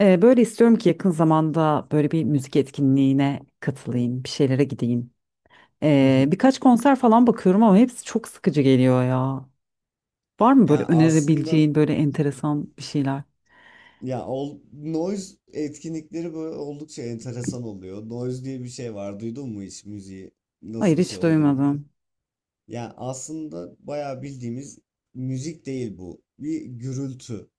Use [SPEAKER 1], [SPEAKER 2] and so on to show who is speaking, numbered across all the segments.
[SPEAKER 1] Böyle istiyorum ki yakın zamanda böyle bir müzik etkinliğine katılayım, bir şeylere gideyim.
[SPEAKER 2] Hı hı.
[SPEAKER 1] Birkaç konser falan bakıyorum ama hepsi çok sıkıcı geliyor ya. Var mı böyle
[SPEAKER 2] Yani aslında
[SPEAKER 1] önerebileceğin böyle enteresan bir şeyler?
[SPEAKER 2] noise etkinlikleri böyle oldukça enteresan oluyor. Noise diye bir şey var. Duydun mu hiç müziği
[SPEAKER 1] Hayır,
[SPEAKER 2] nasıl bir şey
[SPEAKER 1] hiç
[SPEAKER 2] olduğunu?
[SPEAKER 1] duymadım.
[SPEAKER 2] Yani aslında bayağı bildiğimiz müzik değil bu. Bir gürültü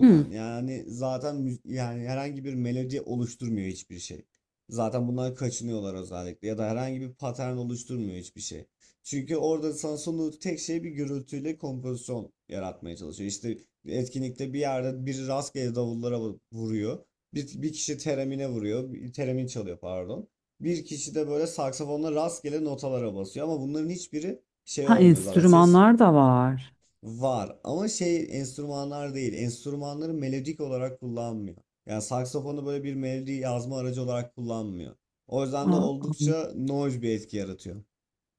[SPEAKER 1] Hmm.
[SPEAKER 2] Yani zaten yani herhangi bir melodi oluşturmuyor hiçbir şey. Zaten bundan kaçınıyorlar özellikle ya da herhangi bir patern oluşturmuyor hiçbir şey. Çünkü orada sana sunduğu tek şey bir gürültüyle kompozisyon yaratmaya çalışıyor. İşte etkinlikte bir yerde biri rastgele davullara vuruyor. Bir kişi teremine vuruyor. Teremin çalıyor pardon. Bir kişi de böyle saksafonla rastgele notalara basıyor ama bunların hiçbiri şey
[SPEAKER 1] Ha,
[SPEAKER 2] olmuyor zaten ses
[SPEAKER 1] enstrümanlar da var.
[SPEAKER 2] var ama şey enstrümanlar değil, enstrümanları melodik olarak kullanmıyor. Yani saksafonu böyle bir melodi yazma aracı olarak kullanmıyor. O yüzden de
[SPEAKER 1] Aa, aa.
[SPEAKER 2] oldukça noise bir etki yaratıyor.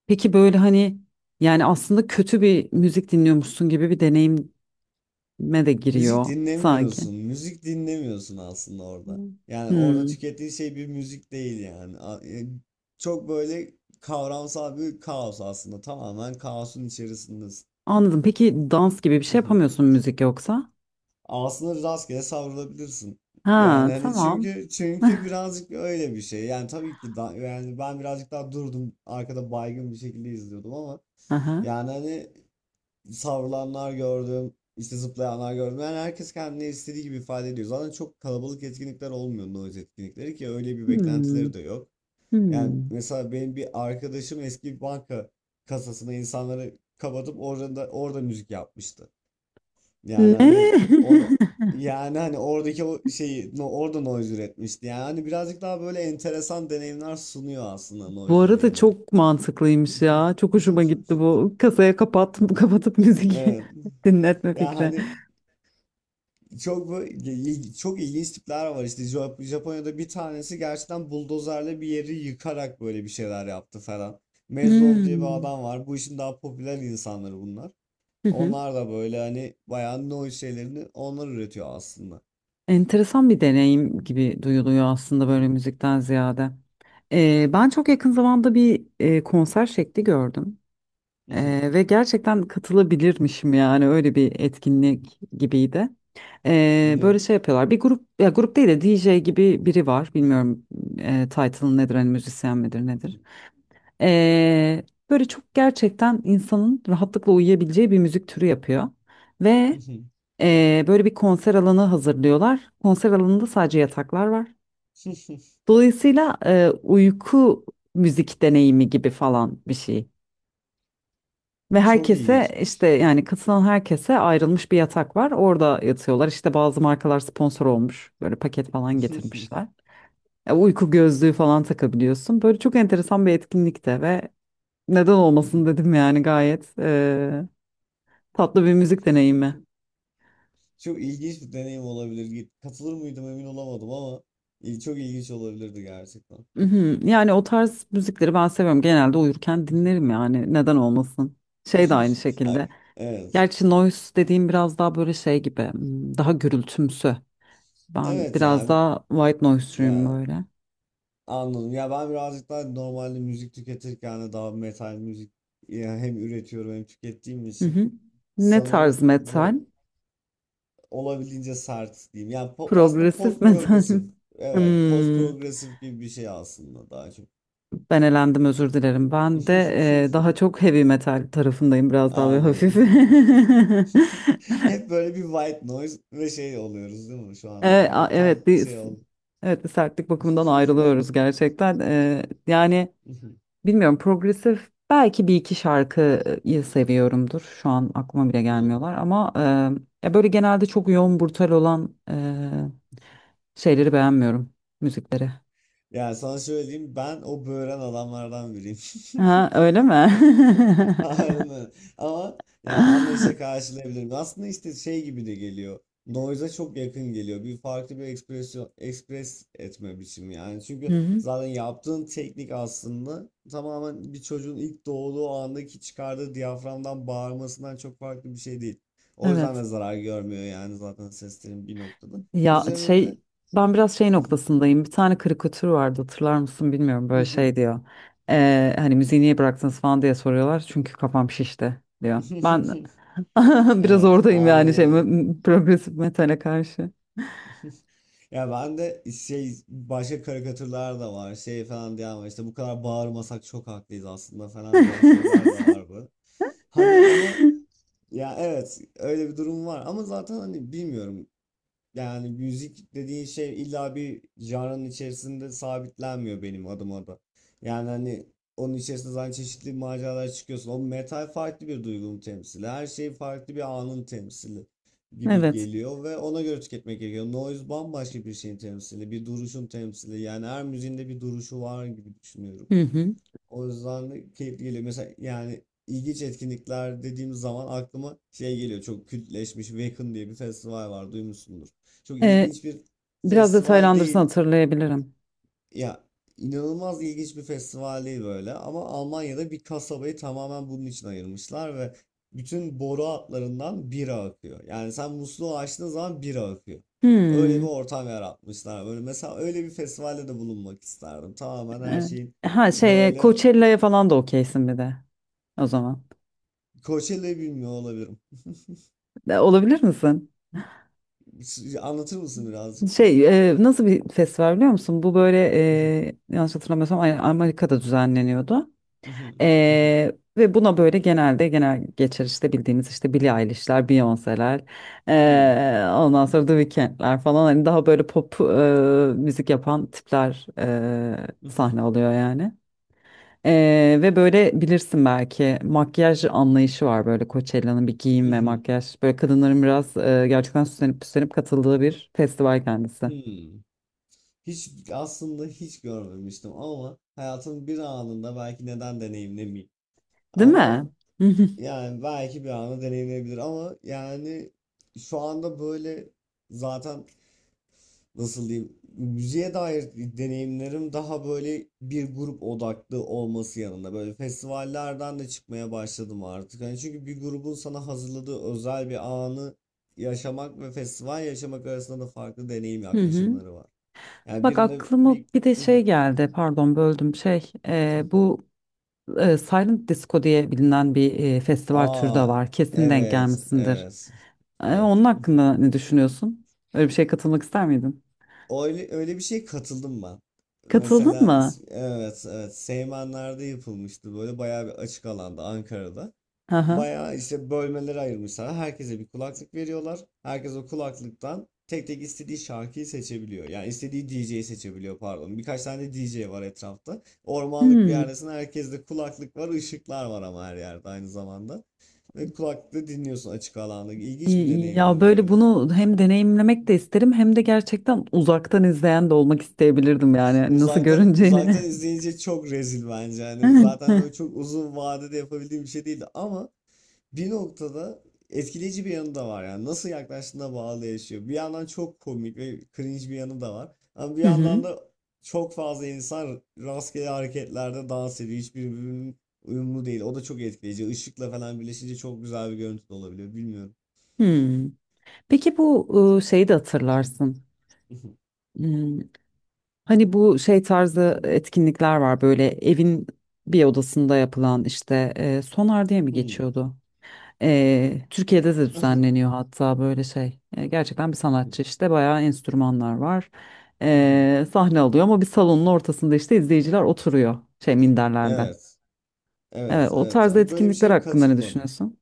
[SPEAKER 1] Peki böyle hani yani aslında kötü bir müzik dinliyormuşsun gibi bir deneyime de
[SPEAKER 2] Müzik
[SPEAKER 1] giriyor sanki.
[SPEAKER 2] dinlemiyorsun. Müzik dinlemiyorsun aslında orada.
[SPEAKER 1] Hmm.
[SPEAKER 2] Yani orada
[SPEAKER 1] Hmm.
[SPEAKER 2] tükettiğin şey bir müzik değil yani. Çok böyle kavramsal bir kaos aslında. Tamamen kaosun içerisindesin.
[SPEAKER 1] Anladım. Peki dans gibi bir şey yapamıyorsun müzik yoksa?
[SPEAKER 2] Aslında rastgele savrulabilirsin.
[SPEAKER 1] Ha,
[SPEAKER 2] Yani hani
[SPEAKER 1] tamam.
[SPEAKER 2] çünkü birazcık öyle bir şey. Yani tabii ki yani ben birazcık daha durdum arkada baygın bir şekilde izliyordum ama
[SPEAKER 1] Aha.
[SPEAKER 2] yani hani savrulanlar gördüm, işte zıplayanlar gördüm. Yani herkes kendini istediği gibi ifade ediyor. Zaten çok kalabalık etkinlikler olmuyor noise etkinlikleri, ki öyle bir
[SPEAKER 1] Hmm.
[SPEAKER 2] beklentileri de yok. Yani
[SPEAKER 1] Hmm.
[SPEAKER 2] mesela benim bir arkadaşım eski bir banka kasasına insanları kapatıp orada müzik yapmıştı.
[SPEAKER 1] Ne?
[SPEAKER 2] Yani hani onu, yani hani oradaki o şeyi, no, orada noise üretmişti. Yani hani birazcık daha böyle enteresan deneyimler sunuyor aslında
[SPEAKER 1] Bu
[SPEAKER 2] noise
[SPEAKER 1] arada
[SPEAKER 2] deneyimleri.
[SPEAKER 1] çok mantıklıymış ya. Çok hoşuma gitti bu. Kasaya kapat, kapatıp müzik
[SPEAKER 2] Evet.
[SPEAKER 1] dinletme
[SPEAKER 2] Ya
[SPEAKER 1] fikri.
[SPEAKER 2] hani çok çok ilginç tipler var, işte Japonya'da bir tanesi gerçekten buldozerle bir yeri yıkarak böyle bir şeyler yaptı falan. Mezlov diye bir
[SPEAKER 1] Hmm.
[SPEAKER 2] adam var. Bu işin daha popüler insanları bunlar.
[SPEAKER 1] Hı hı.
[SPEAKER 2] Onlar da böyle hani bayağı noise şeylerini onlar üretiyor aslında.
[SPEAKER 1] Enteresan bir deneyim gibi duyuluyor aslında böyle müzikten ziyade. Ben çok yakın zamanda bir konser şekli gördüm. Ve gerçekten katılabilirmişim yani öyle bir etkinlik gibiydi.
[SPEAKER 2] Ne?
[SPEAKER 1] Böyle şey yapıyorlar. Bir grup ya grup değil de DJ gibi biri var. Bilmiyorum title'ı nedir hani müzisyen midir nedir. Ee, Böyle çok gerçekten insanın rahatlıkla uyuyabileceği bir müzik türü yapıyor. Ve böyle bir konser alanı hazırlıyorlar. Konser alanında sadece yataklar var. Dolayısıyla uyku müzik deneyimi gibi falan bir şey. Ve
[SPEAKER 2] Çok
[SPEAKER 1] herkese işte
[SPEAKER 2] ilginçmiş.
[SPEAKER 1] yani katılan herkese ayrılmış bir yatak var. Orada yatıyorlar. İşte bazı markalar sponsor olmuş. Böyle paket falan getirmişler. Uyku gözlüğü falan takabiliyorsun. Böyle çok enteresan bir etkinlikte ve neden olmasın dedim yani gayet tatlı bir müzik deneyimi.
[SPEAKER 2] Çok ilginç bir deneyim olabilir. Katılır mıydım emin olamadım ama çok ilginç olabilirdi gerçekten.
[SPEAKER 1] Mhm. Yani o tarz müzikleri ben seviyorum. Genelde uyurken dinlerim yani neden olmasın. Şey de aynı şekilde.
[SPEAKER 2] Ay, evet.
[SPEAKER 1] Gerçi noise dediğim biraz daha böyle şey gibi hmm, daha gürültümsü. Ben
[SPEAKER 2] Evet ya
[SPEAKER 1] biraz daha white noise'cuyum
[SPEAKER 2] ya
[SPEAKER 1] böyle.
[SPEAKER 2] anladım. Ya ben birazcık daha normalde müzik tüketirken de daha metal müzik, ya hem üretiyorum hem tükettiğim
[SPEAKER 1] Hı
[SPEAKER 2] için
[SPEAKER 1] hı. Ne tarz
[SPEAKER 2] sanırım,
[SPEAKER 1] metal?
[SPEAKER 2] böyle olabildiğince sert diyeyim. Yani aslında
[SPEAKER 1] Progresif
[SPEAKER 2] post
[SPEAKER 1] metal
[SPEAKER 2] progresif.
[SPEAKER 1] mi?
[SPEAKER 2] Evet, post
[SPEAKER 1] Hmm,
[SPEAKER 2] progresif gibi bir şey aslında daha çok.
[SPEAKER 1] ben elendim, özür dilerim. Ben de daha çok heavy metal tarafındayım biraz daha ve hafif.
[SPEAKER 2] Anladım. Hep böyle bir white noise ve şey oluyoruz değil mi? Şu anda
[SPEAKER 1] Evet, a-
[SPEAKER 2] böyle tam
[SPEAKER 1] evet bir
[SPEAKER 2] şey oldu.
[SPEAKER 1] evet bir sertlik bakımından ayrılıyoruz gerçekten. Yani bilmiyorum, progresif belki bir iki şarkıyı seviyorumdur. Şu an aklıma bile
[SPEAKER 2] Hmm.
[SPEAKER 1] gelmiyorlar ama ya böyle genelde çok yoğun brutal olan şeyleri beğenmiyorum, müzikleri.
[SPEAKER 2] Yani sana şöyle diyeyim, ben o böğren adamlardan biriyim.
[SPEAKER 1] Ha, öyle mi?
[SPEAKER 2] Aynen. Ama ya anlayışla
[SPEAKER 1] Hı
[SPEAKER 2] karşılayabilirim. Aslında işte şey gibi de geliyor. Noise'a çok yakın geliyor. Bir farklı bir ekspresyon, ekspres etme biçimi yani. Çünkü
[SPEAKER 1] hı.
[SPEAKER 2] zaten yaptığın teknik aslında tamamen bir çocuğun ilk doğduğu andaki çıkardığı diyaframdan bağırmasından çok farklı bir şey değil. O yüzden
[SPEAKER 1] Evet.
[SPEAKER 2] de zarar görmüyor yani zaten seslerin bir noktada.
[SPEAKER 1] Ya
[SPEAKER 2] Üzerine de
[SPEAKER 1] şey, ben biraz şey noktasındayım. Bir tane karikatür vardı, hatırlar mısın bilmiyorum, böyle şey diyor. Hani müziği niye bıraktınız falan diye soruyorlar. Çünkü kafam şişti diyor. Ben biraz
[SPEAKER 2] Evet,
[SPEAKER 1] oradayım yani şey
[SPEAKER 2] anlıyorum.
[SPEAKER 1] progresif metale karşı.
[SPEAKER 2] Ya ben de şey, başka karikatürler de var, şey falan diyen var, işte bu kadar bağırmasak çok haklıyız aslında falan diyen şeyler de var bu. Hani ama ya evet, öyle bir durum var ama zaten hani bilmiyorum, yani müzik dediğin şey illa bir janrın içerisinde sabitlenmiyor benim adıma da. Yani hani onun içerisinde zaten çeşitli maceralar çıkıyorsun. O metal farklı bir duygunun temsili. Her şey farklı bir anın temsili gibi
[SPEAKER 1] Evet.
[SPEAKER 2] geliyor ve ona göre tüketmek gerekiyor. Noise bambaşka bir şeyin temsili, bir duruşun temsili. Yani her müziğinde bir duruşu var gibi düşünüyorum.
[SPEAKER 1] Hı hı.
[SPEAKER 2] O yüzden de keyifli geliyor. Mesela yani ilginç etkinlikler dediğim zaman aklıma şey geliyor. Çok kültleşmiş Wacken diye bir festival var. Duymuşsundur. Çok
[SPEAKER 1] Ee,
[SPEAKER 2] ilginç bir
[SPEAKER 1] Biraz
[SPEAKER 2] festival
[SPEAKER 1] detaylandırsın
[SPEAKER 2] değil.
[SPEAKER 1] hatırlayabilirim.
[SPEAKER 2] Ya inanılmaz ilginç bir festival değil böyle. Ama Almanya'da bir kasabayı tamamen bunun için ayırmışlar ve bütün boru hatlarından bira akıyor. Yani sen musluğu açtığın zaman bira akıyor. Öyle bir
[SPEAKER 1] Hmm.
[SPEAKER 2] ortam yaratmışlar. Böyle mesela öyle bir festivalde de bulunmak isterdim. Tamamen her
[SPEAKER 1] Ee,
[SPEAKER 2] şeyin
[SPEAKER 1] ha şey,
[SPEAKER 2] böyle.
[SPEAKER 1] Coachella'ya falan da okeysin bir de o zaman.
[SPEAKER 2] Coachella'yı bilmiyor olabilirim.
[SPEAKER 1] Olabilir misin?
[SPEAKER 2] Anlatır mısın birazcık?
[SPEAKER 1] Şey, nasıl bir festival biliyor musun? Bu böyle yanlış hatırlamıyorsam aynen Amerika'da düzenleniyordu. Ve buna böyle genelde genel geçer işte bildiğimiz işte Billie Eilish'ler, Beyoncé'ler, ondan sonra The Weeknd'ler falan hani daha böyle pop müzik yapan tipler sahne alıyor yani. Ve böyle bilirsin belki makyaj anlayışı var böyle Coachella'nın, bir giyim ve makyaj. Böyle kadınların biraz gerçekten süslenip püslenip katıldığı bir festival kendisi.
[SPEAKER 2] Hiç, aslında hiç görmemiştim ama hayatın bir anında belki, neden deneyimlemeyeyim.
[SPEAKER 1] Değil
[SPEAKER 2] Ama
[SPEAKER 1] mi? Hı hı.
[SPEAKER 2] yani belki bir anı deneyimleyebilir ama yani şu anda böyle, zaten nasıl diyeyim, müziğe dair deneyimlerim daha böyle bir grup odaklı olması yanında böyle festivallerden de çıkmaya başladım artık. Hani çünkü bir grubun sana hazırladığı özel bir anı yaşamak ve festival yaşamak arasında da farklı deneyim
[SPEAKER 1] Hı hı.
[SPEAKER 2] yaklaşımları var. Yani
[SPEAKER 1] Bak,
[SPEAKER 2] birinde
[SPEAKER 1] aklıma
[SPEAKER 2] bir
[SPEAKER 1] bir de şey geldi, pardon böldüm, şey bu Silent Disco diye bilinen bir festival türü de
[SPEAKER 2] aa,
[SPEAKER 1] var, kesin denk
[SPEAKER 2] evet
[SPEAKER 1] gelmişsindir.
[SPEAKER 2] evet evet.
[SPEAKER 1] Onun hakkında ne düşünüyorsun? Öyle bir şeye katılmak ister miydin?
[SPEAKER 2] Öyle bir şey katıldım ben.
[SPEAKER 1] Katıldın
[SPEAKER 2] Mesela
[SPEAKER 1] mı?
[SPEAKER 2] evet evet, Seymenler'de yapılmıştı böyle bayağı bir açık alanda, Ankara'da.
[SPEAKER 1] Hı hı.
[SPEAKER 2] Bayağı işte bölmelere ayırmışlar. Herkese bir kulaklık veriyorlar. Herkes o kulaklıktan tek tek istediği şarkıyı seçebiliyor. Yani istediği DJ'yi seçebiliyor pardon. Birkaç tane DJ var etrafta. Ormanlık bir
[SPEAKER 1] Hmm.
[SPEAKER 2] yerdesin. Herkeste kulaklık var, ışıklar var ama her yerde, aynı zamanda. Ve kulaklıkla dinliyorsun açık alanda. İlginç
[SPEAKER 1] İyi,
[SPEAKER 2] bir
[SPEAKER 1] iyi. Ya
[SPEAKER 2] deneyimdi
[SPEAKER 1] böyle
[SPEAKER 2] böyle.
[SPEAKER 1] bunu hem deneyimlemek de isterim hem de gerçekten uzaktan izleyen de olmak isteyebilirdim yani, hani nasıl
[SPEAKER 2] Uzaktan
[SPEAKER 1] görüneceğini.
[SPEAKER 2] izleyince çok rezil bence. Yani zaten
[SPEAKER 1] Hı
[SPEAKER 2] böyle çok uzun vadede yapabildiğim bir şey değildi ama bir noktada etkileyici bir yanı da var yani, nasıl yaklaştığına bağlı yaşıyor. Bir yandan çok komik ve cringe bir yanı da var. Ama bir
[SPEAKER 1] hı.
[SPEAKER 2] yandan da çok fazla insan rastgele hareketlerde dans ediyor. Hiçbir birbirinin uyumlu değil. O da çok etkileyici. Işıkla falan birleşince çok güzel bir görüntü de olabiliyor. Bilmiyorum.
[SPEAKER 1] Hmm. Peki bu şeyi de hatırlarsın. Hmm. Hani bu şey tarzı etkinlikler var, böyle evin bir odasında yapılan, işte sonar diye mi
[SPEAKER 2] Hmm.
[SPEAKER 1] geçiyordu? Türkiye'de de düzenleniyor hatta böyle şey. Gerçekten bir sanatçı işte bayağı enstrümanlar var. Sahne alıyor ama bir salonun ortasında işte izleyiciler oturuyor şey, minderlerde.
[SPEAKER 2] Evet.
[SPEAKER 1] Evet,
[SPEAKER 2] Evet.
[SPEAKER 1] o
[SPEAKER 2] Evet.
[SPEAKER 1] tarzda
[SPEAKER 2] Böyle bir
[SPEAKER 1] etkinlikler
[SPEAKER 2] şey
[SPEAKER 1] hakkında ne
[SPEAKER 2] katılmadım.
[SPEAKER 1] düşünüyorsun?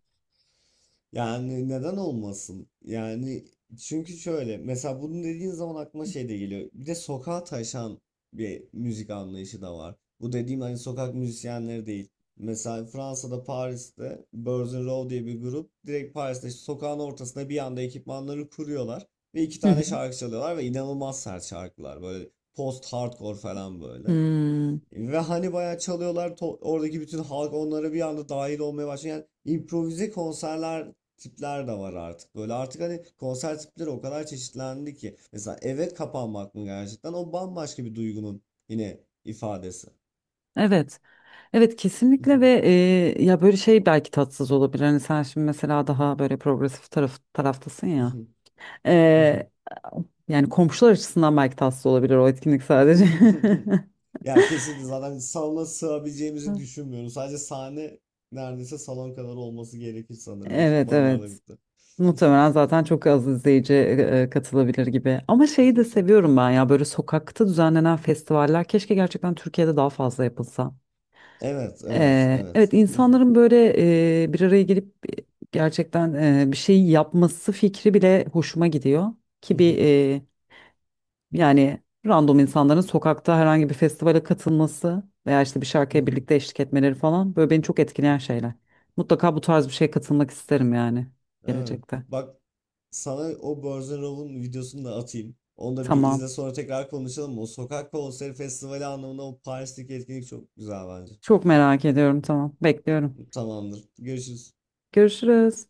[SPEAKER 2] Yani neden olmasın? Yani çünkü şöyle, mesela bunu dediğin zaman aklıma şey de geliyor. Bir de sokağa taşan bir müzik anlayışı da var. Bu dediğim hani sokak müzisyenleri değil. Mesela Fransa'da, Paris'te Birds in Row diye bir grup direkt Paris'te işte sokağın ortasında bir anda ekipmanları kuruyorlar ve iki
[SPEAKER 1] Hı hı.
[SPEAKER 2] tane şarkı çalıyorlar ve inanılmaz sert şarkılar, böyle post hardcore falan böyle.
[SPEAKER 1] Hmm,
[SPEAKER 2] Ve hani bayağı çalıyorlar, oradaki bütün halk onlara bir anda dahil olmaya başlıyor. Yani improvize konserler tipler de var artık. Böyle artık hani konser tipleri o kadar çeşitlendi ki. Mesela eve kapanmak mı, gerçekten o bambaşka bir duygunun yine ifadesi.
[SPEAKER 1] evet. Evet kesinlikle ve ya böyle şey belki tatsız olabilir. Hani sen şimdi mesela daha böyle progresif taraftasın ya. E, Yani komşular açısından belki tatsız olabilir o etkinlik sadece.
[SPEAKER 2] Ya kesinlikle zaten salona sığabileceğimizi düşünmüyorum. Sadece sahne neredeyse salon kadar olması gerekir sanırım
[SPEAKER 1] Evet,
[SPEAKER 2] ekipmanlarla
[SPEAKER 1] evet.
[SPEAKER 2] birlikte.
[SPEAKER 1] Muhtemelen zaten çok az izleyici katılabilir gibi. Ama şeyi de seviyorum ben ya, böyle sokakta düzenlenen festivaller, keşke gerçekten Türkiye'de daha fazla yapılsa.
[SPEAKER 2] Evet, evet, evet.
[SPEAKER 1] Evet, insanların böyle bir araya gelip gerçekten bir şey yapması fikri bile hoşuma gidiyor. Ki bir yani random insanların sokakta herhangi bir festivale katılması veya işte bir şarkıya
[SPEAKER 2] Mhm.
[SPEAKER 1] birlikte eşlik etmeleri falan, böyle beni çok etkileyen şeyler. Mutlaka bu tarz bir şeye katılmak isterim yani
[SPEAKER 2] Evet.
[SPEAKER 1] gelecekte.
[SPEAKER 2] Bak, sana o Borzan Rov'un videosunu da atayım. Onu da bir izle,
[SPEAKER 1] Tamam.
[SPEAKER 2] sonra tekrar konuşalım. O sokak konseri festivali anlamında o Paris'teki etkinlik çok güzel bence.
[SPEAKER 1] Çok merak ediyorum. Tamam. Bekliyorum.
[SPEAKER 2] Tamamdır. Görüşürüz.
[SPEAKER 1] Görüşürüz.